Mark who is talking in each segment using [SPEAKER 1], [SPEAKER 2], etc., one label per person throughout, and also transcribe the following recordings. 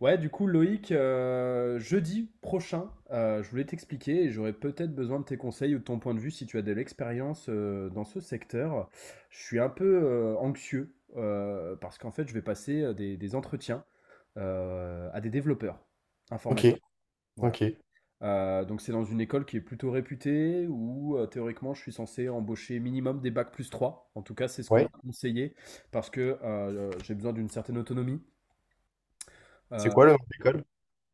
[SPEAKER 1] Ouais, du coup, Loïc, jeudi prochain, je voulais t'expliquer et j'aurais peut-être besoin de tes conseils ou de ton point de vue si tu as de l'expérience dans ce secteur. Je suis un peu anxieux parce qu'en fait, je vais passer des entretiens à des développeurs
[SPEAKER 2] Ok,
[SPEAKER 1] informatiques. Voilà.
[SPEAKER 2] ok.
[SPEAKER 1] Donc, c'est dans une école qui est plutôt réputée où théoriquement, je suis censé embaucher minimum des bacs plus 3. En tout cas, c'est ce qu'on
[SPEAKER 2] Ouais.
[SPEAKER 1] m'a conseillé parce que j'ai besoin d'une certaine autonomie.
[SPEAKER 2] C'est
[SPEAKER 1] Euh,
[SPEAKER 2] quoi le nom de l'école?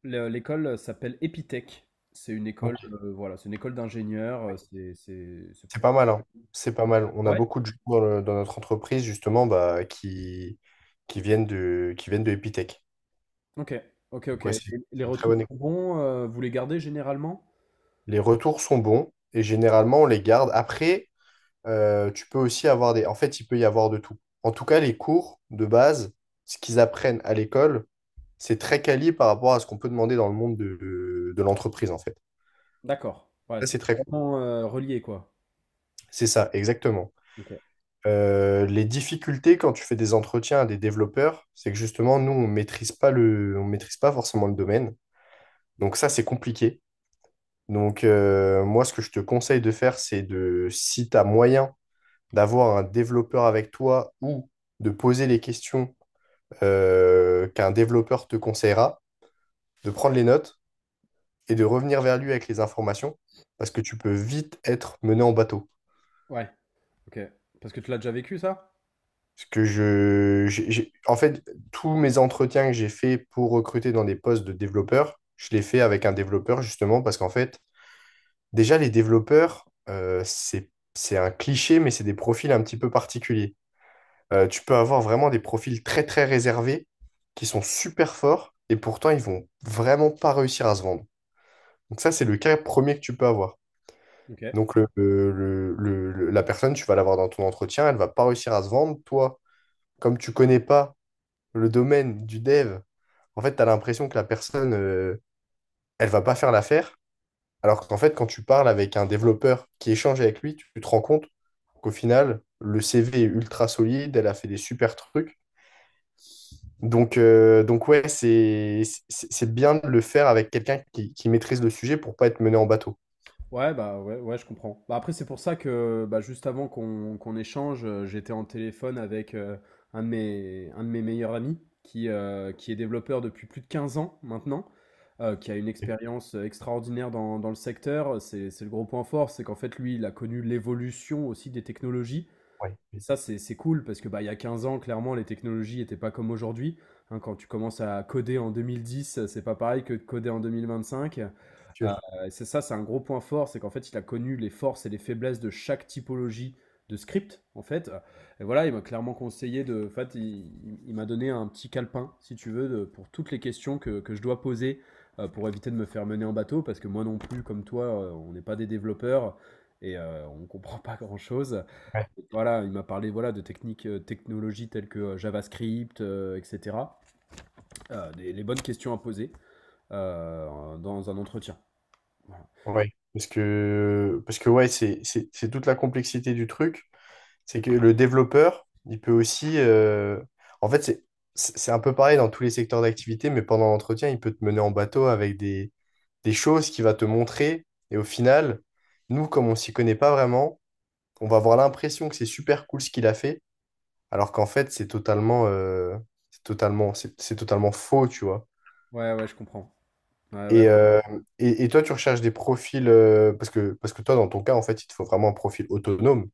[SPEAKER 1] L'école s'appelle Epitech. C'est une
[SPEAKER 2] Ok,
[SPEAKER 1] école, voilà, c'est une école d'ingénieurs.
[SPEAKER 2] ouais.
[SPEAKER 1] C'est, c'est, c'est
[SPEAKER 2] C'est
[SPEAKER 1] plutôt.
[SPEAKER 2] pas mal, hein. C'est pas mal. On
[SPEAKER 1] Ah
[SPEAKER 2] a
[SPEAKER 1] ouais?
[SPEAKER 2] beaucoup de gens dans, dans notre entreprise, justement, bah, qui viennent de Epitech.
[SPEAKER 1] Ok, ok,
[SPEAKER 2] Donc,
[SPEAKER 1] ok.
[SPEAKER 2] ouais,
[SPEAKER 1] Et
[SPEAKER 2] c'est
[SPEAKER 1] les
[SPEAKER 2] une très
[SPEAKER 1] retours
[SPEAKER 2] bonne école.
[SPEAKER 1] sont bons. Vous les gardez généralement?
[SPEAKER 2] Les retours sont bons et généralement, on les garde. Après, tu peux aussi avoir des... En fait, il peut y avoir de tout. En tout cas, les cours de base, ce qu'ils apprennent à l'école, c'est très quali par rapport à ce qu'on peut demander dans le monde de l'entreprise, en fait.
[SPEAKER 1] D'accord. Ouais,
[SPEAKER 2] Ça,
[SPEAKER 1] c'est
[SPEAKER 2] c'est très cool.
[SPEAKER 1] vraiment relié, quoi.
[SPEAKER 2] C'est ça, exactement.
[SPEAKER 1] Ok.
[SPEAKER 2] Les difficultés quand tu fais des entretiens à des développeurs, c'est que justement, nous, on maîtrise pas le, on maîtrise pas forcément le domaine. Donc ça, c'est compliqué. Donc moi, ce que je te conseille de faire, c'est de, si tu as moyen d'avoir un développeur avec toi ou de poser les questions qu'un développeur te conseillera, de prendre les notes et de revenir vers lui avec les informations, parce que tu peux vite être mené en bateau.
[SPEAKER 1] Ouais. Ok. Parce que tu l'as déjà vécu, ça?
[SPEAKER 2] Parce que en fait, tous mes entretiens que j'ai fait pour recruter dans des postes de développeurs, je les fais avec un développeur justement parce qu'en fait, déjà les développeurs, c'est un cliché, mais c'est des profils un petit peu particuliers. Tu peux avoir vraiment des profils très très réservés qui sont super forts et pourtant ils vont vraiment pas réussir à se vendre. Donc ça, c'est le cas premier que tu peux avoir.
[SPEAKER 1] Ok.
[SPEAKER 2] Donc la personne, tu vas l'avoir dans ton entretien, elle va pas réussir à se vendre. Toi, comme tu connais pas le domaine du dev, en fait, tu as l'impression que la personne, elle va pas faire l'affaire. Alors qu'en fait, quand tu parles avec un développeur qui échange avec lui, tu te rends compte qu'au final, le CV est ultra solide, elle a fait des super trucs. Donc, donc ouais, c'est c'est bien de le faire avec quelqu'un qui maîtrise le sujet pour pas être mené en bateau.
[SPEAKER 1] Ouais, bah ouais, ouais, je comprends. Bah, après, c'est pour ça que bah, juste avant qu'on échange, j'étais en téléphone avec un de mes meilleurs amis qui est développeur depuis plus de 15 ans maintenant, qui a une expérience extraordinaire dans le secteur. C'est le gros point fort, c'est qu'en fait, lui, il a connu l'évolution aussi des technologies.
[SPEAKER 2] Ouais,
[SPEAKER 1] Et
[SPEAKER 2] oui,
[SPEAKER 1] ça, c'est cool parce que, bah, il y a 15 ans, clairement, les technologies n'étaient pas comme aujourd'hui, hein. Quand tu commences à coder en 2010, c'est pas pareil que de coder en 2025. Heu,
[SPEAKER 2] sûr.
[SPEAKER 1] c'est un gros point fort, c'est qu'en fait, il a connu les forces et les faiblesses de chaque typologie de script, en fait. Et voilà, il m'a clairement conseillé de en fait, il m'a donné un petit calepin, si tu veux, de pour toutes les questions que je dois poser, pour éviter de me faire mener en bateau. Parce que moi non plus, comme toi, on n'est pas des développeurs et on ne comprend pas grand-chose.
[SPEAKER 2] Ouais.
[SPEAKER 1] Voilà, il m'a parlé, voilà, de techniques, technologies telles que, JavaScript, et cetera. Des les bonnes questions à poser, dans un entretien. Voilà.
[SPEAKER 2] Ouais. Parce que ouais, c'est toute la complexité du truc. C'est que le développeur, il peut aussi, en fait, c'est c'est un peu pareil dans tous les secteurs d'activité, mais pendant l'entretien, il peut te mener en bateau avec des choses qu'il va te montrer. Et au final, nous, comme on s'y connaît pas vraiment, on va avoir l'impression que c'est super cool ce qu'il a fait, alors qu'en fait, c'est totalement faux, tu vois.
[SPEAKER 1] Ouais, ouais, je comprends. Ouais, ouais.
[SPEAKER 2] Et, euh, et toi, tu recherches des profils, parce que toi, dans ton cas, en fait, il te faut vraiment un profil autonome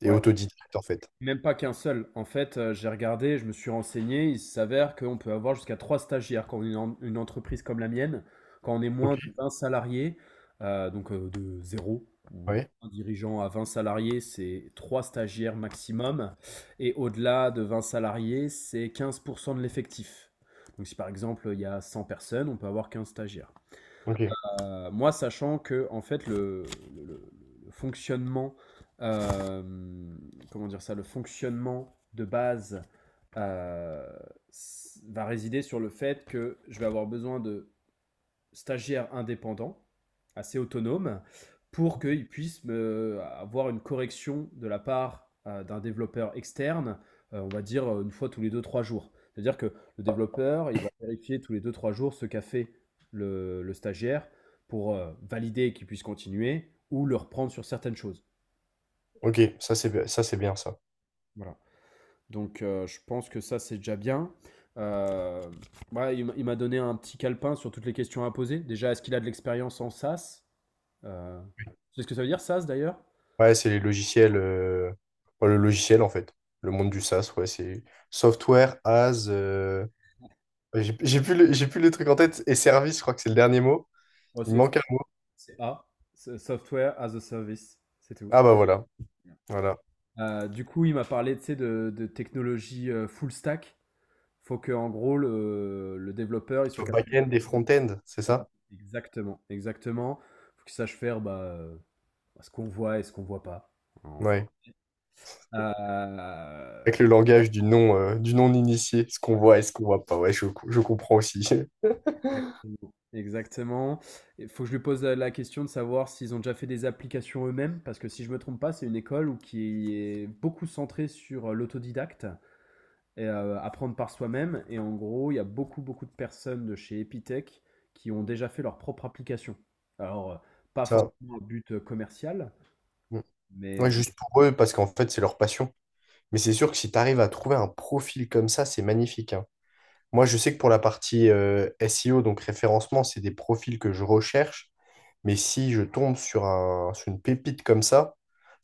[SPEAKER 2] et
[SPEAKER 1] Ouais.
[SPEAKER 2] autodidacte, en fait.
[SPEAKER 1] Même pas qu'un seul. En fait, j'ai regardé, je me suis renseigné. Il s'avère qu'on peut avoir jusqu'à 3 stagiaires quand on est une en une entreprise comme la mienne, quand on est
[SPEAKER 2] Ok.
[SPEAKER 1] moins de 20 salariés, donc de zéro ou de
[SPEAKER 2] Oui.
[SPEAKER 1] un dirigeant à 20 salariés, c'est 3 stagiaires maximum et au-delà de 20 salariés, c'est 15% de l'effectif. Donc si par exemple, il y a 100 personnes, on peut avoir 15 stagiaires.
[SPEAKER 2] Ok.
[SPEAKER 1] Moi, sachant que en fait le, le- le- fonctionnement, euh, comment dire ça, le fonctionnement de base euh, va résider sur le fait que je vais avoir besoin de stagiaire indépendant, assez autonome, pour qu'il puisse avoir une correction de la part d'un développeur externe, on va dire une fois tous les deux trois jours. C'est-à-dire que le développeur, il va vérifier tous les deux trois jours ce qu'a fait le stagiaire pour valider qu'il puisse continuer ou le reprendre sur certaines choses.
[SPEAKER 2] Ok, ça c'est bien ça.
[SPEAKER 1] Voilà. Donc je pense que ça, c'est déjà bien. Euh, ouais, il m'a donné un petit calepin sur toutes les questions à poser. Déjà, est-ce qu'il a de l'expérience en SaaS? Euh, c'est ce que ça veut dire, SaaS d'ailleurs?
[SPEAKER 2] Ouais, c'est les logiciels, enfin, le logiciel en fait, le monde du SaaS, ouais, c'est software as, j'ai plus le, j'ai plus le truc en tête et service, je crois que c'est le dernier mot.
[SPEAKER 1] Ouais,
[SPEAKER 2] Il me manque un mot.
[SPEAKER 1] C'est A, c'est Software as a Service, c'est tout.
[SPEAKER 2] Ah bah voilà, voilà.
[SPEAKER 1] Du coup, il m'a parlé tu sais, de technologie full stack. Faut que, en gros, le développeur il soit
[SPEAKER 2] Sur
[SPEAKER 1] capable de
[SPEAKER 2] back-end et front-end, c'est
[SPEAKER 1] voir.
[SPEAKER 2] ça?
[SPEAKER 1] Exactement, exactement. Faut qu'il sache faire bah, ce qu'on voit et ce qu'on voit pas, en fait.
[SPEAKER 2] Ouais.
[SPEAKER 1] Euh,
[SPEAKER 2] Avec le langage du non initié, ce qu'on voit et ce qu'on voit pas. Ouais, je comprends aussi
[SPEAKER 1] Exactement. Exactement. Il faut que je lui pose la question de savoir s'ils ont déjà fait des applications eux-mêmes, parce que si je me trompe pas, c'est une école où qui est beaucoup centrée sur l'autodidacte et apprendre par soi-même. Et en gros, il y a beaucoup, beaucoup de personnes de chez Epitech qui ont déjà fait leur propre application. Alors, pas
[SPEAKER 2] ça.
[SPEAKER 1] forcément à but commercial,
[SPEAKER 2] Mm. Ouais,
[SPEAKER 1] mais.
[SPEAKER 2] juste pour eux parce qu'en fait c'est leur passion. Mais c'est sûr que si tu arrives à trouver un profil comme ça, c'est magnifique, hein. Moi, je sais que pour la partie SEO, donc référencement, c'est des profils que je recherche. Mais si je tombe sur une pépite comme ça,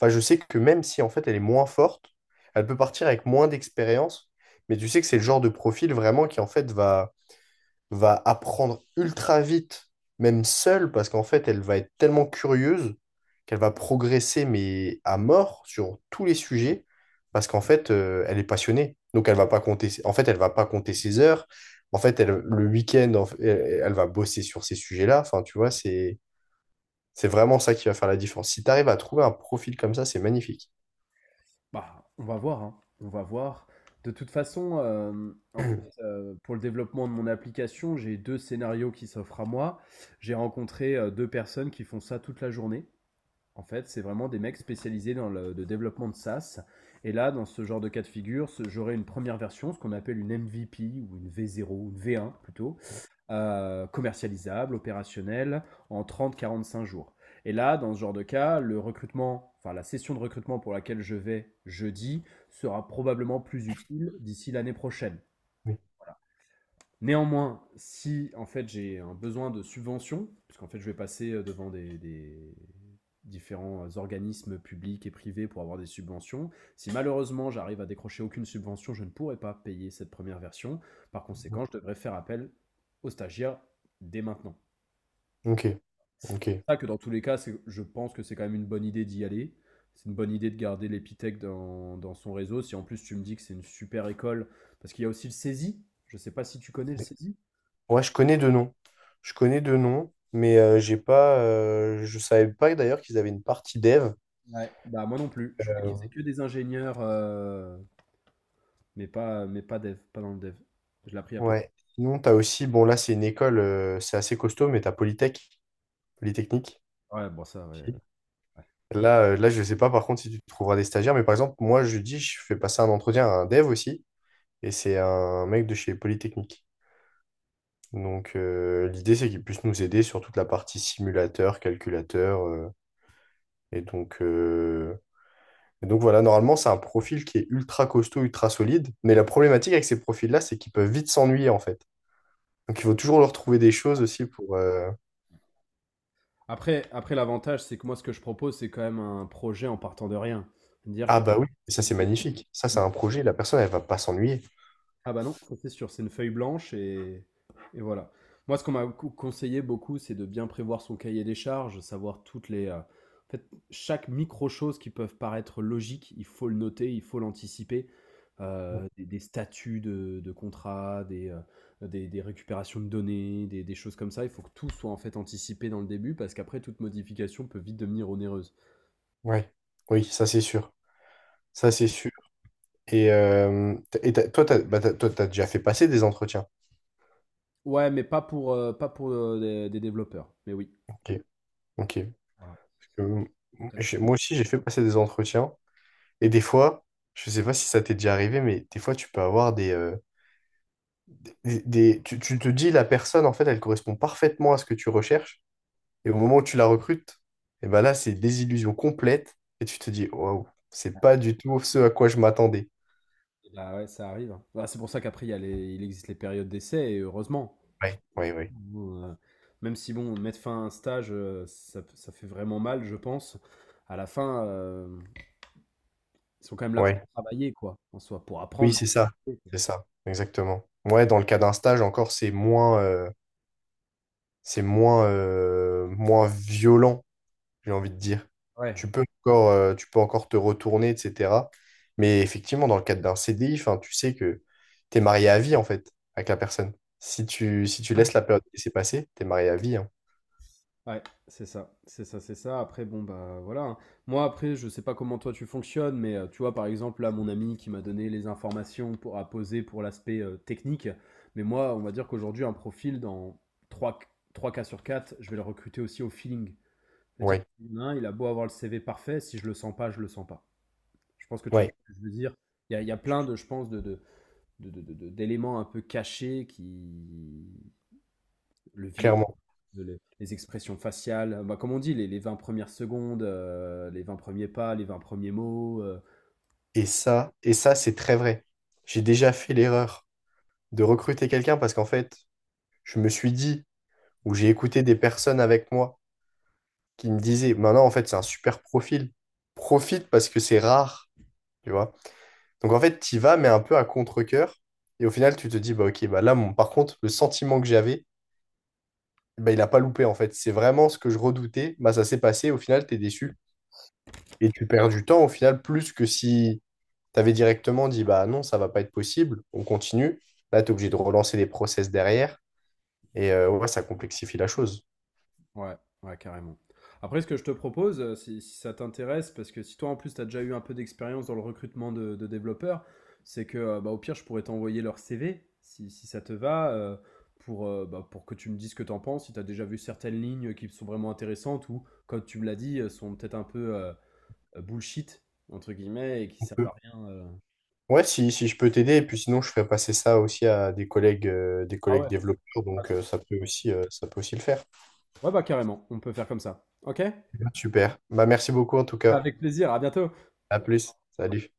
[SPEAKER 2] enfin, je sais que même si en fait elle est moins forte, elle peut partir avec moins d'expérience. Mais tu sais que c'est le genre de profil vraiment qui en fait va apprendre ultra vite, même seule, parce qu'en fait, elle va être tellement curieuse qu'elle va progresser, mais à mort, sur tous les sujets, parce qu'en fait, elle est passionnée. Donc, elle va pas compter, en fait, elle va pas compter ses heures. En fait, elle, le week-end, en fait, elle, elle va bosser sur ces sujets-là. Enfin, tu vois, c'est vraiment ça qui va faire la différence. Si tu arrives à trouver un profil comme ça, c'est magnifique.
[SPEAKER 1] Bah, on va voir, hein. On va voir. De toute façon, en fait, pour le développement de mon application, j'ai 2 scénarios qui s'offrent à moi. J'ai rencontré, 2 personnes qui font ça toute la journée. En fait, c'est vraiment des mecs spécialisés dans le développement de SaaS et là, dans ce genre de cas de figure, ce j'aurai une première version, ce qu'on appelle une MVP ou une V0 ou une V1 plutôt, commercialisable, opérationnel, en trente, quarante, cinq jours. Et là, dans ce genre de cas, le recrutement, enfin la session de recrutement pour laquelle je vais jeudi sera probablement plus utile d'ici l'année prochaine.
[SPEAKER 2] Oui.
[SPEAKER 1] Néanmoins, si en fait j'ai un besoin de subvention, puisqu'en fait je vais passer devant des différents organismes publics et privés pour avoir des subventions, si malheureusement j'arrive à décrocher aucune subvention, je ne pourrai pas payer cette première version. Par conséquent, je devrais faire appel aux stagiaires dès maintenant.
[SPEAKER 2] Ok, ok.
[SPEAKER 1] Ça que dans tous les cas, je pense que c'est quand même une bonne idée d'y aller. C'est une bonne idée de garder l'Épithèque dans son réseau. Si en plus tu me dis que c'est une super école, parce qu'il y a aussi le saisi. Je sais pas si tu connais le saisi.
[SPEAKER 2] Ouais, je connais deux noms. Je connais deux noms, mais j'ai pas, je savais pas d'ailleurs qu'ils avaient une partie dev.
[SPEAKER 1] Ouais. Bah moi non plus. Je crois que c'est
[SPEAKER 2] Euh,
[SPEAKER 1] que des ingénieurs, mais pas dev, pas dans le dev. Je l'ai appris à pas.
[SPEAKER 2] ouais. Sinon, t'as aussi, bon là c'est une école, c'est assez costaud, mais t'as Polytech, Polytechnique.
[SPEAKER 1] Ouais, bon ça. Ouais.
[SPEAKER 2] Si. Là, je sais pas par contre si tu trouveras des stagiaires, mais par exemple, je fais passer un entretien à un dev aussi, et c'est un mec de chez Polytechnique. Donc l'idée c'est qu'il puisse nous aider sur toute la partie simulateur, calculateur, et donc euh, Et donc voilà, normalement, c'est un profil qui est ultra costaud, ultra solide. Mais la problématique avec ces profils-là, c'est qu'ils peuvent vite s'ennuyer, en fait. Donc il faut toujours leur trouver des choses aussi pour...
[SPEAKER 1] Après l'avantage, c'est que moi ce que je propose, c'est quand même un projet en partant de rien. Dire
[SPEAKER 2] Ah
[SPEAKER 1] que.
[SPEAKER 2] bah oui, ça c'est magnifique. Ça, c'est un projet, la personne, elle va pas s'ennuyer.
[SPEAKER 1] Ah bah non, ça, c'est sûr, c'est une feuille blanche et voilà. Moi, ce qu'on m'a conseillé beaucoup, c'est de bien prévoir son cahier des charges, savoir toutes les... en fait, chaque micro-chose qui peuvent paraître logique, il faut le noter, il faut l'anticiper. Des statuts de contrat, des, des récupérations de données, des choses comme ça. Il faut que tout soit en fait anticipé dans le début parce qu'après, toute modification peut vite devenir onéreuse.
[SPEAKER 2] Ouais. Oui, ça c'est sûr. Ça
[SPEAKER 1] Donc,
[SPEAKER 2] c'est sûr. Et, t- et t'as- toi, t'as, bah, t'as- Toi, t'as déjà fait passer des entretiens.
[SPEAKER 1] ouais, mais pas pour, pas pour des développeurs. Mais oui.
[SPEAKER 2] Ok, ok. Parce
[SPEAKER 1] Voilà.
[SPEAKER 2] que, moi aussi, j'ai fait passer des entretiens. Et des fois, je sais pas si ça t'est déjà arrivé, mais des fois, tu peux avoir des... tu te dis, la personne, en fait, elle correspond parfaitement à ce que tu recherches. Et au moment où tu la recrutes, et ben là, c'est désillusion complète. Et tu te dis, waouh, c'est pas du tout ce à quoi je m'attendais.
[SPEAKER 1] Et bah, ouais, ça arrive, hein. Bah, c'est pour ça qu'après il existe les périodes d'essai et heureusement. En fait,
[SPEAKER 2] Ouais, ouais, ouais.
[SPEAKER 1] nous, même si bon, mettre fin à un stage, ça fait vraiment mal, je pense. À la fin, ils sont quand même là pour
[SPEAKER 2] Ouais.
[SPEAKER 1] travailler quoi, en soi, pour
[SPEAKER 2] Oui,
[SPEAKER 1] apprendre.
[SPEAKER 2] c'est ça. C'est ça, exactement. Ouais, dans le cas d'un stage, encore, c'est moins, moins violent, j'ai envie de dire.
[SPEAKER 1] Ouais.
[SPEAKER 2] Tu peux encore te retourner, etc. Mais effectivement, dans le cadre d'un CDI, enfin, tu sais que tu es marié à vie, en fait, avec la personne. Si si tu laisses la période qui s'est tu es marié à vie, hein.
[SPEAKER 1] Ouais, c'est ça, c'est ça, c'est ça. Après, bon, bah voilà, hein. Moi, après, je sais pas comment toi tu fonctionnes, mais tu vois, par exemple, là, mon ami qui m'a donné les informations pour, à poser pour l'aspect technique, mais moi, on va dire qu'aujourd'hui, un profil dans 3 trois cas sur 4, je vais le recruter aussi au feeling. C'est-à-dire
[SPEAKER 2] Ouais,
[SPEAKER 1] qu'il y en a un, il a beau avoir le CV parfait, si je le sens pas, je le sens pas. Je pense que tu vois
[SPEAKER 2] ouais,
[SPEAKER 1] ce que je veux dire. Il y a plein de, je pense, d'éléments un peu cachés qui. Le, vi-
[SPEAKER 2] clairement.
[SPEAKER 1] de les expressions faciales, bah, comme on dit, les 20 premières secondes, les 20 premiers pas, les 20 premiers mots,
[SPEAKER 2] Et ça, c'est très vrai. J'ai déjà fait l'erreur de recruter quelqu'un parce qu'en fait, je me suis dit, ou j'ai écouté des personnes avec moi qui me disaient, maintenant, en fait, c'est un super profil. Profite parce que c'est rare, tu vois. Donc en fait, tu y vas, mais un peu à contre-cœur. Et au final, tu te dis, bah ok, bah là, mon... par contre, le sentiment que j'avais, bah, il n'a pas loupé en fait. C'est vraiment ce que je redoutais. Bah, ça s'est passé, au final, tu es déçu. Et tu perds du temps au final, plus que si tu avais directement dit, bah non, ça va pas être possible, on continue. Là, tu es obligé de relancer des process derrière. Ouais, ça complexifie la chose.
[SPEAKER 1] ouais, ouais, carrément. Après ce que je te propose, si ça t'intéresse, parce que si toi en plus tu as déjà eu un peu d'expérience dans le recrutement de développeurs, c'est que, bah, au pire je pourrais t'envoyer leur CV, si ça te va, pour, bah, pour que tu me dises ce que tu en penses, si tu as déjà vu certaines lignes qui sont vraiment intéressantes ou comme tu me l'as dit, sont peut-être un peu, «bullshit» entre guillemets et qui servent à rien.
[SPEAKER 2] Ouais, si, si je peux t'aider, et puis sinon je ferai passer ça aussi à des
[SPEAKER 1] Ah ouais?
[SPEAKER 2] collègues développeurs,
[SPEAKER 1] Ah
[SPEAKER 2] donc
[SPEAKER 1] ça,
[SPEAKER 2] ça peut aussi le faire.
[SPEAKER 1] ouais, bah carrément, on peut faire comme ça. Ok?
[SPEAKER 2] Super. Bah, merci beaucoup en tout cas.
[SPEAKER 1] Avec plaisir, à bientôt.
[SPEAKER 2] À plus. Salut.